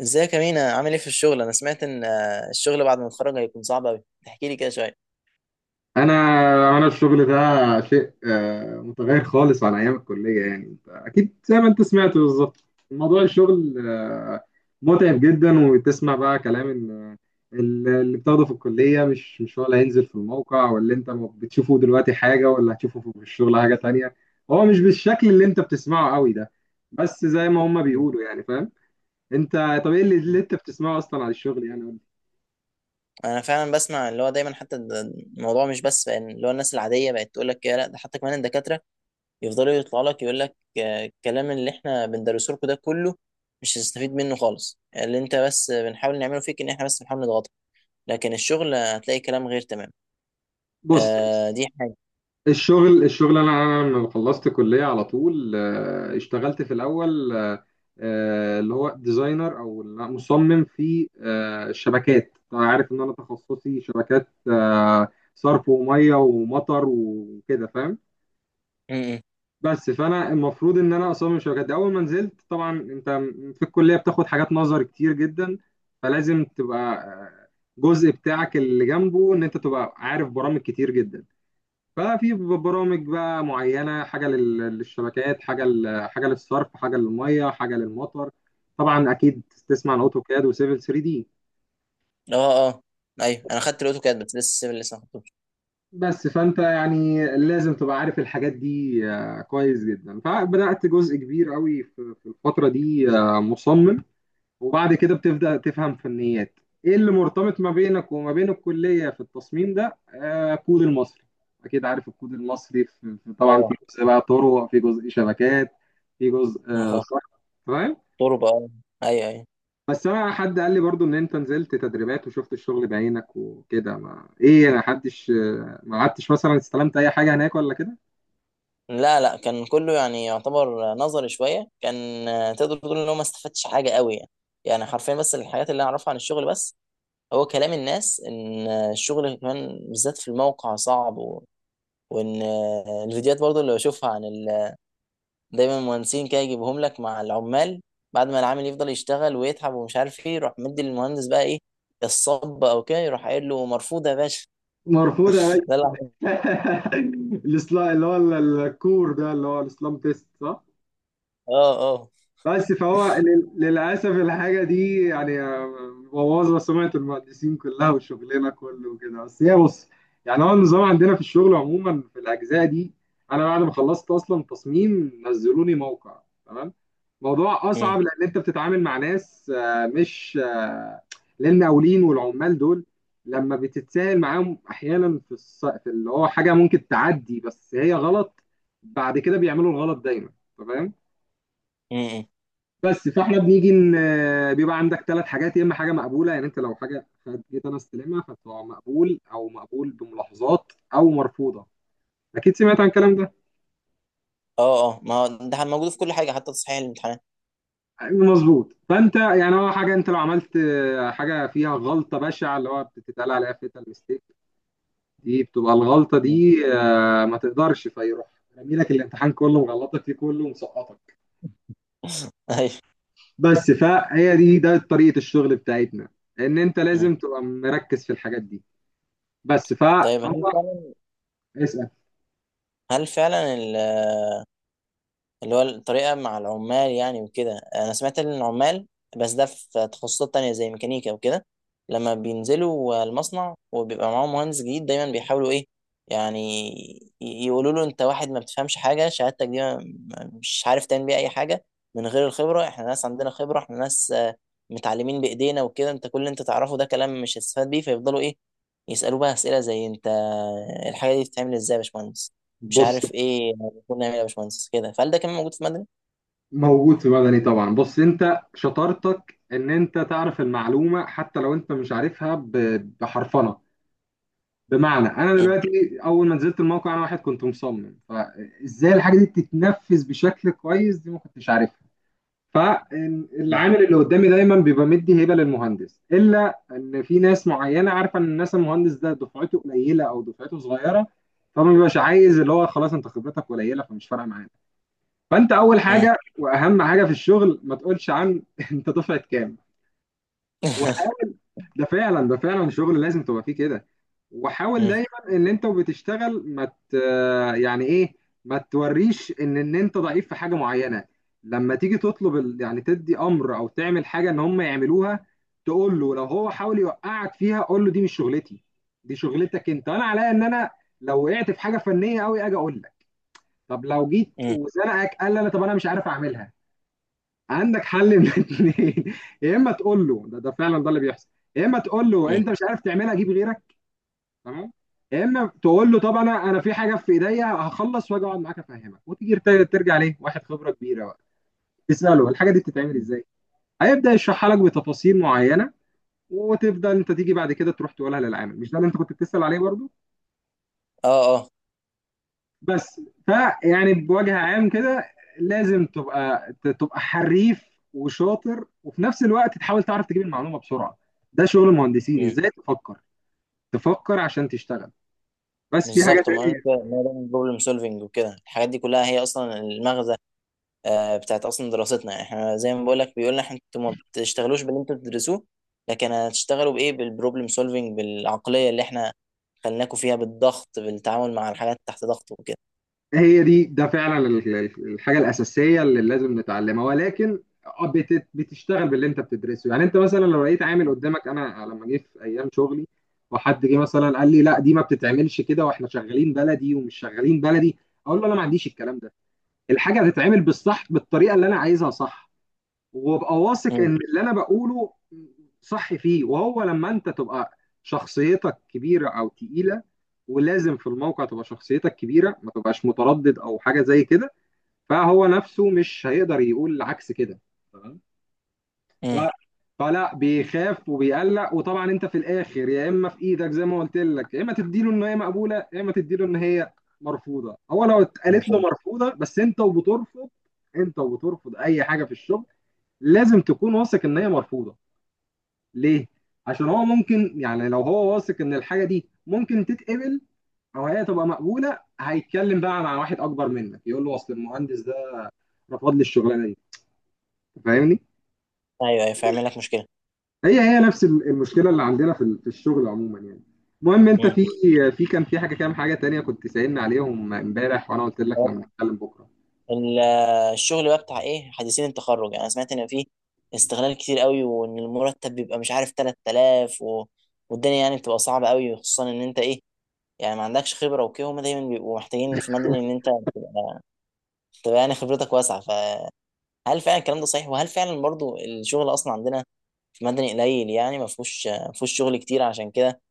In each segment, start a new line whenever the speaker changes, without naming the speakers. ازيك يا مينا؟ عامل ايه في الشغل؟ انا سمعت ان الشغل بعد ما اتخرج هيكون صعب قوي. تحكي لي كده شويه.
انا انا الشغل ده شيء متغير خالص عن ايام الكليه. يعني انت اكيد زي ما انت سمعت بالظبط، موضوع الشغل متعب جدا. وتسمع بقى كلام ان اللي بتاخده في الكليه مش هو اللي هينزل في الموقع، واللي انت بتشوفه دلوقتي حاجه واللي هتشوفه في الشغل حاجه تانية. هو مش بالشكل اللي انت بتسمعه قوي ده. بس زي ما هما بيقولوا، يعني فاهم انت؟ طب ايه اللي انت بتسمعه اصلا عن الشغل يعني؟
انا فعلا بسمع اللي هو دايما حتى الموضوع مش بس بقى إن اللي هو الناس العاديه بقت تقول لك كده، لا ده حتى كمان الدكاتره يفضلوا يطلعوا لك يقول لك الكلام اللي احنا بندرسه لكم ده كله مش هتستفيد منه خالص، اللي انت بس بنحاول نعمله فيك ان احنا بس بنحاول نضغطك، لكن الشغل هتلاقي كلام غير. تمام.
بص.
آه دي حاجه.
الشغل انا لما خلصت كليه على طول اشتغلت في الاول، اللي هو ديزاينر او مصمم في الشبكات. طبعا عارف ان انا تخصصي شبكات، صرف وميه ومطر وكده، فاهم.
م-
بس فانا المفروض ان انا اصمم شبكات. اول ما نزلت طبعا انت في الكليه بتاخد حاجات نظر كتير جدا، فلازم تبقى جزء بتاعك اللي جنبه ان انت تبقى عارف برامج كتير جدا. ففي برامج بقى معينه، حاجه للشبكات، حاجه حاجه للصرف، حاجه للميه، حاجه للمطر. طبعا اكيد تسمع عن
م.
اوتوكاد وسيفل 3 دي.
اه، اه، ايوه انا خدت الاوتوكاد بس لسه السيفل لسه ما خدتوش.
بس فانت يعني لازم تبقى عارف الحاجات دي كويس جدا. فبدات جزء كبير قوي في الفتره دي مصمم. وبعد كده بتبدأ تفهم فنيات ايه اللي مرتبط ما بينك وما بين الكلية في التصميم ده، آه، الكود المصري. اكيد عارف الكود المصري طبعا
اه.
في جزء بقى طرق، في جزء شبكات، في جزء آه صح، فاهم.
تربة، اه. ايوه ايوه.
بس انا حد قال لي برضو ان انت نزلت تدريبات وشفت الشغل بعينك وكده. ما ايه، انا حدش ما قعدتش مثلا استلمت اي حاجة هناك ولا كده.
لا لا، كان كله يعني يعتبر نظري شوية، كان تقدر تقول ان هو ما استفدتش حاجة قوي يعني. يعني حرفيا بس الحاجات اللي انا اعرفها عن الشغل، بس هو كلام الناس ان الشغل كمان بالذات في الموقع صعب، و... وان الفيديوهات برضو اللي بشوفها عن ال دايما المهندسين كده يجيبهم لك مع العمال. بعد ما العامل يفضل يشتغل ويتعب ومش عارف ايه، يروح مدي للمهندس بقى ايه الصب او كده، يروح قايل له مرفوض يا باشا.
مرفوضة يا
ده اللي-
باشا. الإصلاح- اللي هو ال- الكور ده اللي هو الاسلام تيست، صح.
اه
بس فهو للأسف الحاجة دي يعني مبوظة سمعة المهندسين كلها وشغلنا كله وكده. بس هي بص، يعني هو النظام عندنا في الشغل عموما في الأجزاء دي. أنا بعد ما خلصت أصلا تصميم نزلوني موقع. تمام. موضوع أصعب لأن أنت بتتعامل مع ناس مش للمقاولين والعمال دول. لما بتتساهل معاهم أحيانا في اللي هو حاجة ممكن تعدي بس هي غلط، بعد كده بيعملوا الغلط دايما. تمام.
اه.
بس فاحنا بنيجي بيبقى عندك 3 حاجات. يا اما حاجه مقبوله، يعني انت لو حاجه جيت انا استلمها فتبقى مقبول، او مقبول بملاحظات، او مرفوضه. اكيد سمعت عن الكلام ده.
اه اه، ما هو ده موجود في كل حاجه حتى تصحيح الامتحانات.
مظبوط. فانت يعني هو حاجه انت لو عملت حاجه فيها غلطه بشعه اللي هو بتتقال عليها فيتال ميستيك، دي بتبقى الغلطه
مم.
دي ما تقدرش. فيروح رامي لك الامتحان كله مغلطك فيه كله مسقطك.
ايوه.
بس فهي دي ده طريقه الشغل بتاعتنا، ان انت
مم.
لازم تبقى مركز في الحاجات دي. بس فهم.
طيب هل فعلا،
اسأل.
هل فعلا اللي هو الطريقة مع العمال يعني وكده؟ أنا سمعت إن العمال، بس ده في تخصصات تانية زي ميكانيكا وكده، لما بينزلوا المصنع وبيبقى معاهم مهندس جديد دايما بيحاولوا إيه؟ يعني يقولوا له أنت واحد ما بتفهمش حاجة، شهادتك دي مش عارف تعمل بيها أي حاجة من غير الخبرة، إحنا ناس عندنا خبرة، إحنا ناس متعلمين بإيدينا وكده، أنت كل اللي أنت تعرفه ده كلام مش هتستفاد بيه. فيفضلوا إيه؟ يسألوه بقى أسئلة زي أنت الحاجة دي بتتعمل إزاي يا باشمهندس، مش
بص،
عارف ايه، كنا نعمل يا باشمهندس كده. فهل ده كان موجود في مدني؟
موجود في مدني طبعا. بص انت شطارتك ان انت تعرف المعلومة حتى لو انت مش عارفها، بحرفنة. بمعنى انا
مم.
دلوقتي اول ما نزلت الموقع، انا واحد كنت مصمم، فازاي الحاجة دي تتنفذ بشكل كويس دي ما كنتش عارفها.
مم.
فالعامل اللي قدامي دايما بيبقى مدي هبة للمهندس، الا ان في ناس معينة عارفة ان الناس المهندس ده دفعته قليلة او دفعته صغيرة، فما بيبقاش عايز. اللي هو خلاص انت خبرتك قليلة فمش فارقة معانا. فانت اول
مم.
حاجه واهم حاجه في الشغل، ما تقولش عن انت دفعه كام. وح- ده فعلا ده فعلا شغل لازم تبقى فيه كده. وحاول
مم.
دايما ان انت وبتشتغل ما ت... يعني ايه، ما توريش ان انت ضعيف في حاجه معينه. لما تيجي تطلب ال... يعني تدي امر او تعمل حاجه ان هم يعملوها، تقول له لو هو حاول يوقعك فيها، قول له دي مش شغلتي، دي شغلتك انت. انا عليا ان انا لو وقعت في حاجه فنيه قوي اجي اقول لك. طب لو جيت
مم.
وزنقك قال لي، انا طب انا مش عارف اعملها. عندك حل من الاثنين. يا اما تقول له ده فعلا ده اللي بيحصل. يا اما تقول له
مم.
انت مش عارف تعملها، جيب غيرك. تمام. يا اما تقول له طب انا في حاجه في ايديا، هخلص واجي اقعد معاك افهمك، وتيجي ترجع ليه واحد خبره كبيره بقى تساله الحاجه دي بتتعمل
مم.
ازاي. هيبدا يشرحها لك بتفاصيل معينه وتبدا انت تيجي بعد كده تروح تقولها للعامل، مش ده اللي انت كنت بتسال عليه برضه؟
اه اه.
بس. فيعني بوجه عام كده لازم تبقى تبقى حريف وشاطر، وفي نفس الوقت تحاول تعرف تجيب المعلومه بسرعه. ده شغل المهندسين،
مم.
ازاي تفكر. تفكر عشان تشتغل. بس في حاجه
بالظبط، ما انا
تانية.
كده، ما ده بروبلم سولفنج وكده، الحاجات دي كلها هي اصلا المغزى بتاعت اصلا دراستنا. يعني احنا زي ما بقول لك بيقول لنا انتوا ما بتشتغلوش باللي انتوا بتدرسوه، لكن هتشتغلوا بايه؟ بالبروبلم سولفنج، بالعقليه اللي احنا خلناكوا فيها، بالضغط، بالتعامل مع الحاجات تحت ضغط وكده.
هي دي ده فعلا الحاجه الاساسيه اللي لازم نتعلمها. ولكن آه، بتشتغل باللي انت بتدرسه. يعني انت مثلا لو لقيت عامل قدامك، انا لما جه في ايام شغلي وحد جه مثلا قال لي لا دي ما بتتعملش كده، واحنا شغالين بلدي ومش شغالين بلدي، اقول له انا ما عنديش الكلام ده. الحاجه هتتعمل بالصح بالطريقه اللي انا عايزها، صح. وابقى واثق
مم.
ان اللي انا بقوله صح فيه. وهو لما انت تبقى شخصيتك كبيره او تقيله، ولازم في الموقع تبقى شخصيتك كبيره ما تبقاش متردد او حاجه زي كده، فهو نفسه مش هيقدر يقول عكس كده. تمام. ف...
مم.
فلا بيخاف وبيقلق. وطبعا انت في الاخر يا اما في ايدك زي ما قلت لك، يا اما تديله ان هي مقبوله، يا اما تديله ان هي مرفوضه. هو لو اتقالت له
مفهوم.
مرفوضه، بس انت وبترفض اي حاجه في الشغل لازم تكون واثق ان هي مرفوضه. ليه؟ عشان هو ممكن يعني لو هو واثق ان الحاجه دي ممكن تتقبل او هي تبقى مقبوله، هيتكلم بقى مع واحد اكبر منك، يقول له اصل المهندس ده رفض لي الشغلانه دي، فاهمني.
ايوه ايوه فيعمل لك مشكله.
هي هي نفس المشكله اللي عندنا في الشغل عموما يعني. المهم انت
مم.
في كان في حاجه، كام حاجه تانية كنت سألني عليهم امبارح وانا قلت لك لما نتكلم بكره.
ال- الشغل بقى بتاع ايه حديثين التخرج؟ يعني انا سمعت ان فيه استغلال كتير قوي وان المرتب بيبقى مش عارف 3000 و والدنيا يعني بتبقى صعبة قوي، خصوصا ان انت ايه، يعني ما عندكش خبرة وكده، هما دايما بيبقوا محتاجين في مدني ان انت تبقى، تبقى يعني خبرتك واسعة. فهل فعلا الكلام ده صحيح؟ وهل فعلا برضو الشغل اصلا عندنا في مدني قليل؟ يعني ما فيهوش شغل كتير عشان كده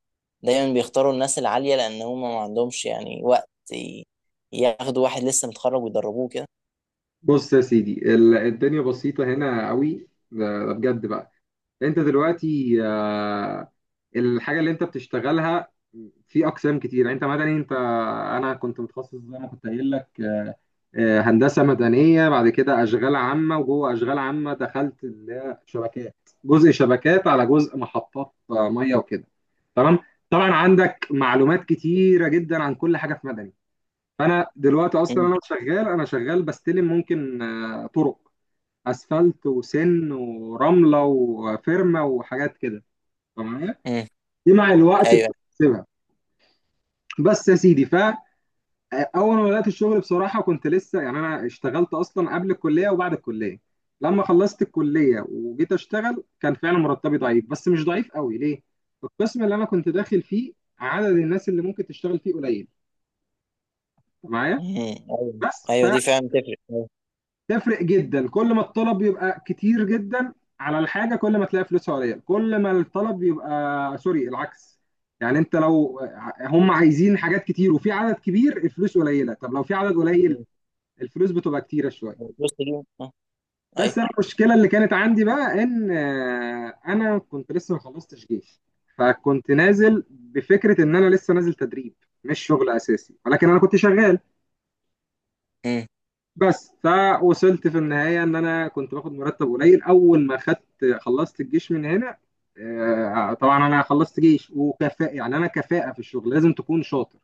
دايما بيختاروا الناس العالية، لان هما ما عندهمش يعني وقت ياخدوا واحد لسه متخرج ويدربوه كده.
بص يا سيدي، الدنيا بسيطه هنا قوي. ده ده بجد بقى. انت دلوقتي الحاجه اللي انت بتشتغلها في اقسام كتير. يعني انت مثلا انت انا كنت متخصص زي ما كنت قايل لك هندسه مدنيه. بعد كده اشغال عامه، وجوه اشغال عامه دخلت اللي هي شبكات، جزء شبكات على جزء محطات ميه وكده. تمام. طبعا عندك معلومات كتيره جدا عن كل حاجه في مدني. فانا دلوقتي اصلا
امم.
انا شغال بستلم ممكن طرق، اسفلت وسن ورمله وفرمه وحاجات كده. تمام.
امم.
دي مع الوقت
ايوه.
بتكتسبها. بس يا سيدي، اول ما بدات الشغل بصراحه كنت لسه يعني انا اشتغلت اصلا قبل الكليه وبعد الكليه. لما خلصت الكليه وجيت اشتغل كان فعلا مرتبي ضعيف، بس مش ضعيف قوي. ليه؟ القسم اللي انا كنت داخل فيه عدد الناس اللي ممكن تشتغل فيه قليل. أنت معايا؟
مم. ايوه
بس.
ايوه دي فعلا تفرق، أيوة.
فتفرق جدا كل ما الطلب يبقى كتير جدا على الحاجه، كل ما تلاقي فلوسها قليل. كل ما الطلب يبقى سوري العكس، يعني انت لو هم عايزين حاجات كتير وفي عدد كبير الفلوس قليله. طب لو في عدد قليل
مم.
الفلوس بتبقى كتيره شويه.
البوست دي آه، ايوه.
بس انا المشكله اللي كانت عندي بقى ان انا كنت لسه ما خلصتش جيش. فكنت نازل بفكره ان انا لسه نازل تدريب مش شغل اساسي، ولكن انا كنت شغال.
مم.
بس فوصلت في النهايه ان انا كنت باخد مرتب قليل. اول ما خدت خلصت الجيش من هنا طبعا انا خلصت جيش وكفاءه. يعني انا كفاءه في الشغل لازم تكون شاطر.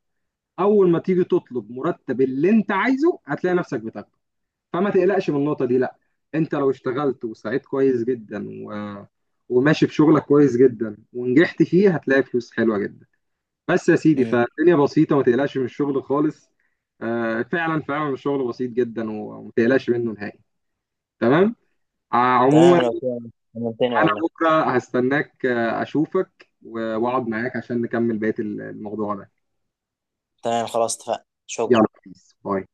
اول ما تيجي تطلب مرتب اللي انت عايزه هتلاقي نفسك بتاخده. فما تقلقش من النقطة دي لا. انت لو اشتغلت وسعيت كويس جدا و... وماشي في شغلك كويس جدا ونجحت فيه هتلاقي فلوس حلوة جدا. بس يا سيدي،
مم.
فالدنيا بسيطة ما تقلقش من الشغل خالص. فعلا فعلا الشغل بسيط جدا وما تقلقش منه نهائي. تمام.
تمام
عموما
لو كده. عملتني
انا
والله.
بكرة هستناك اشوفك واقعد معاك عشان نكمل بقية الموضوع ده.
تمام خلاص، اتفقنا. شكرا.
يلا، بيس باي.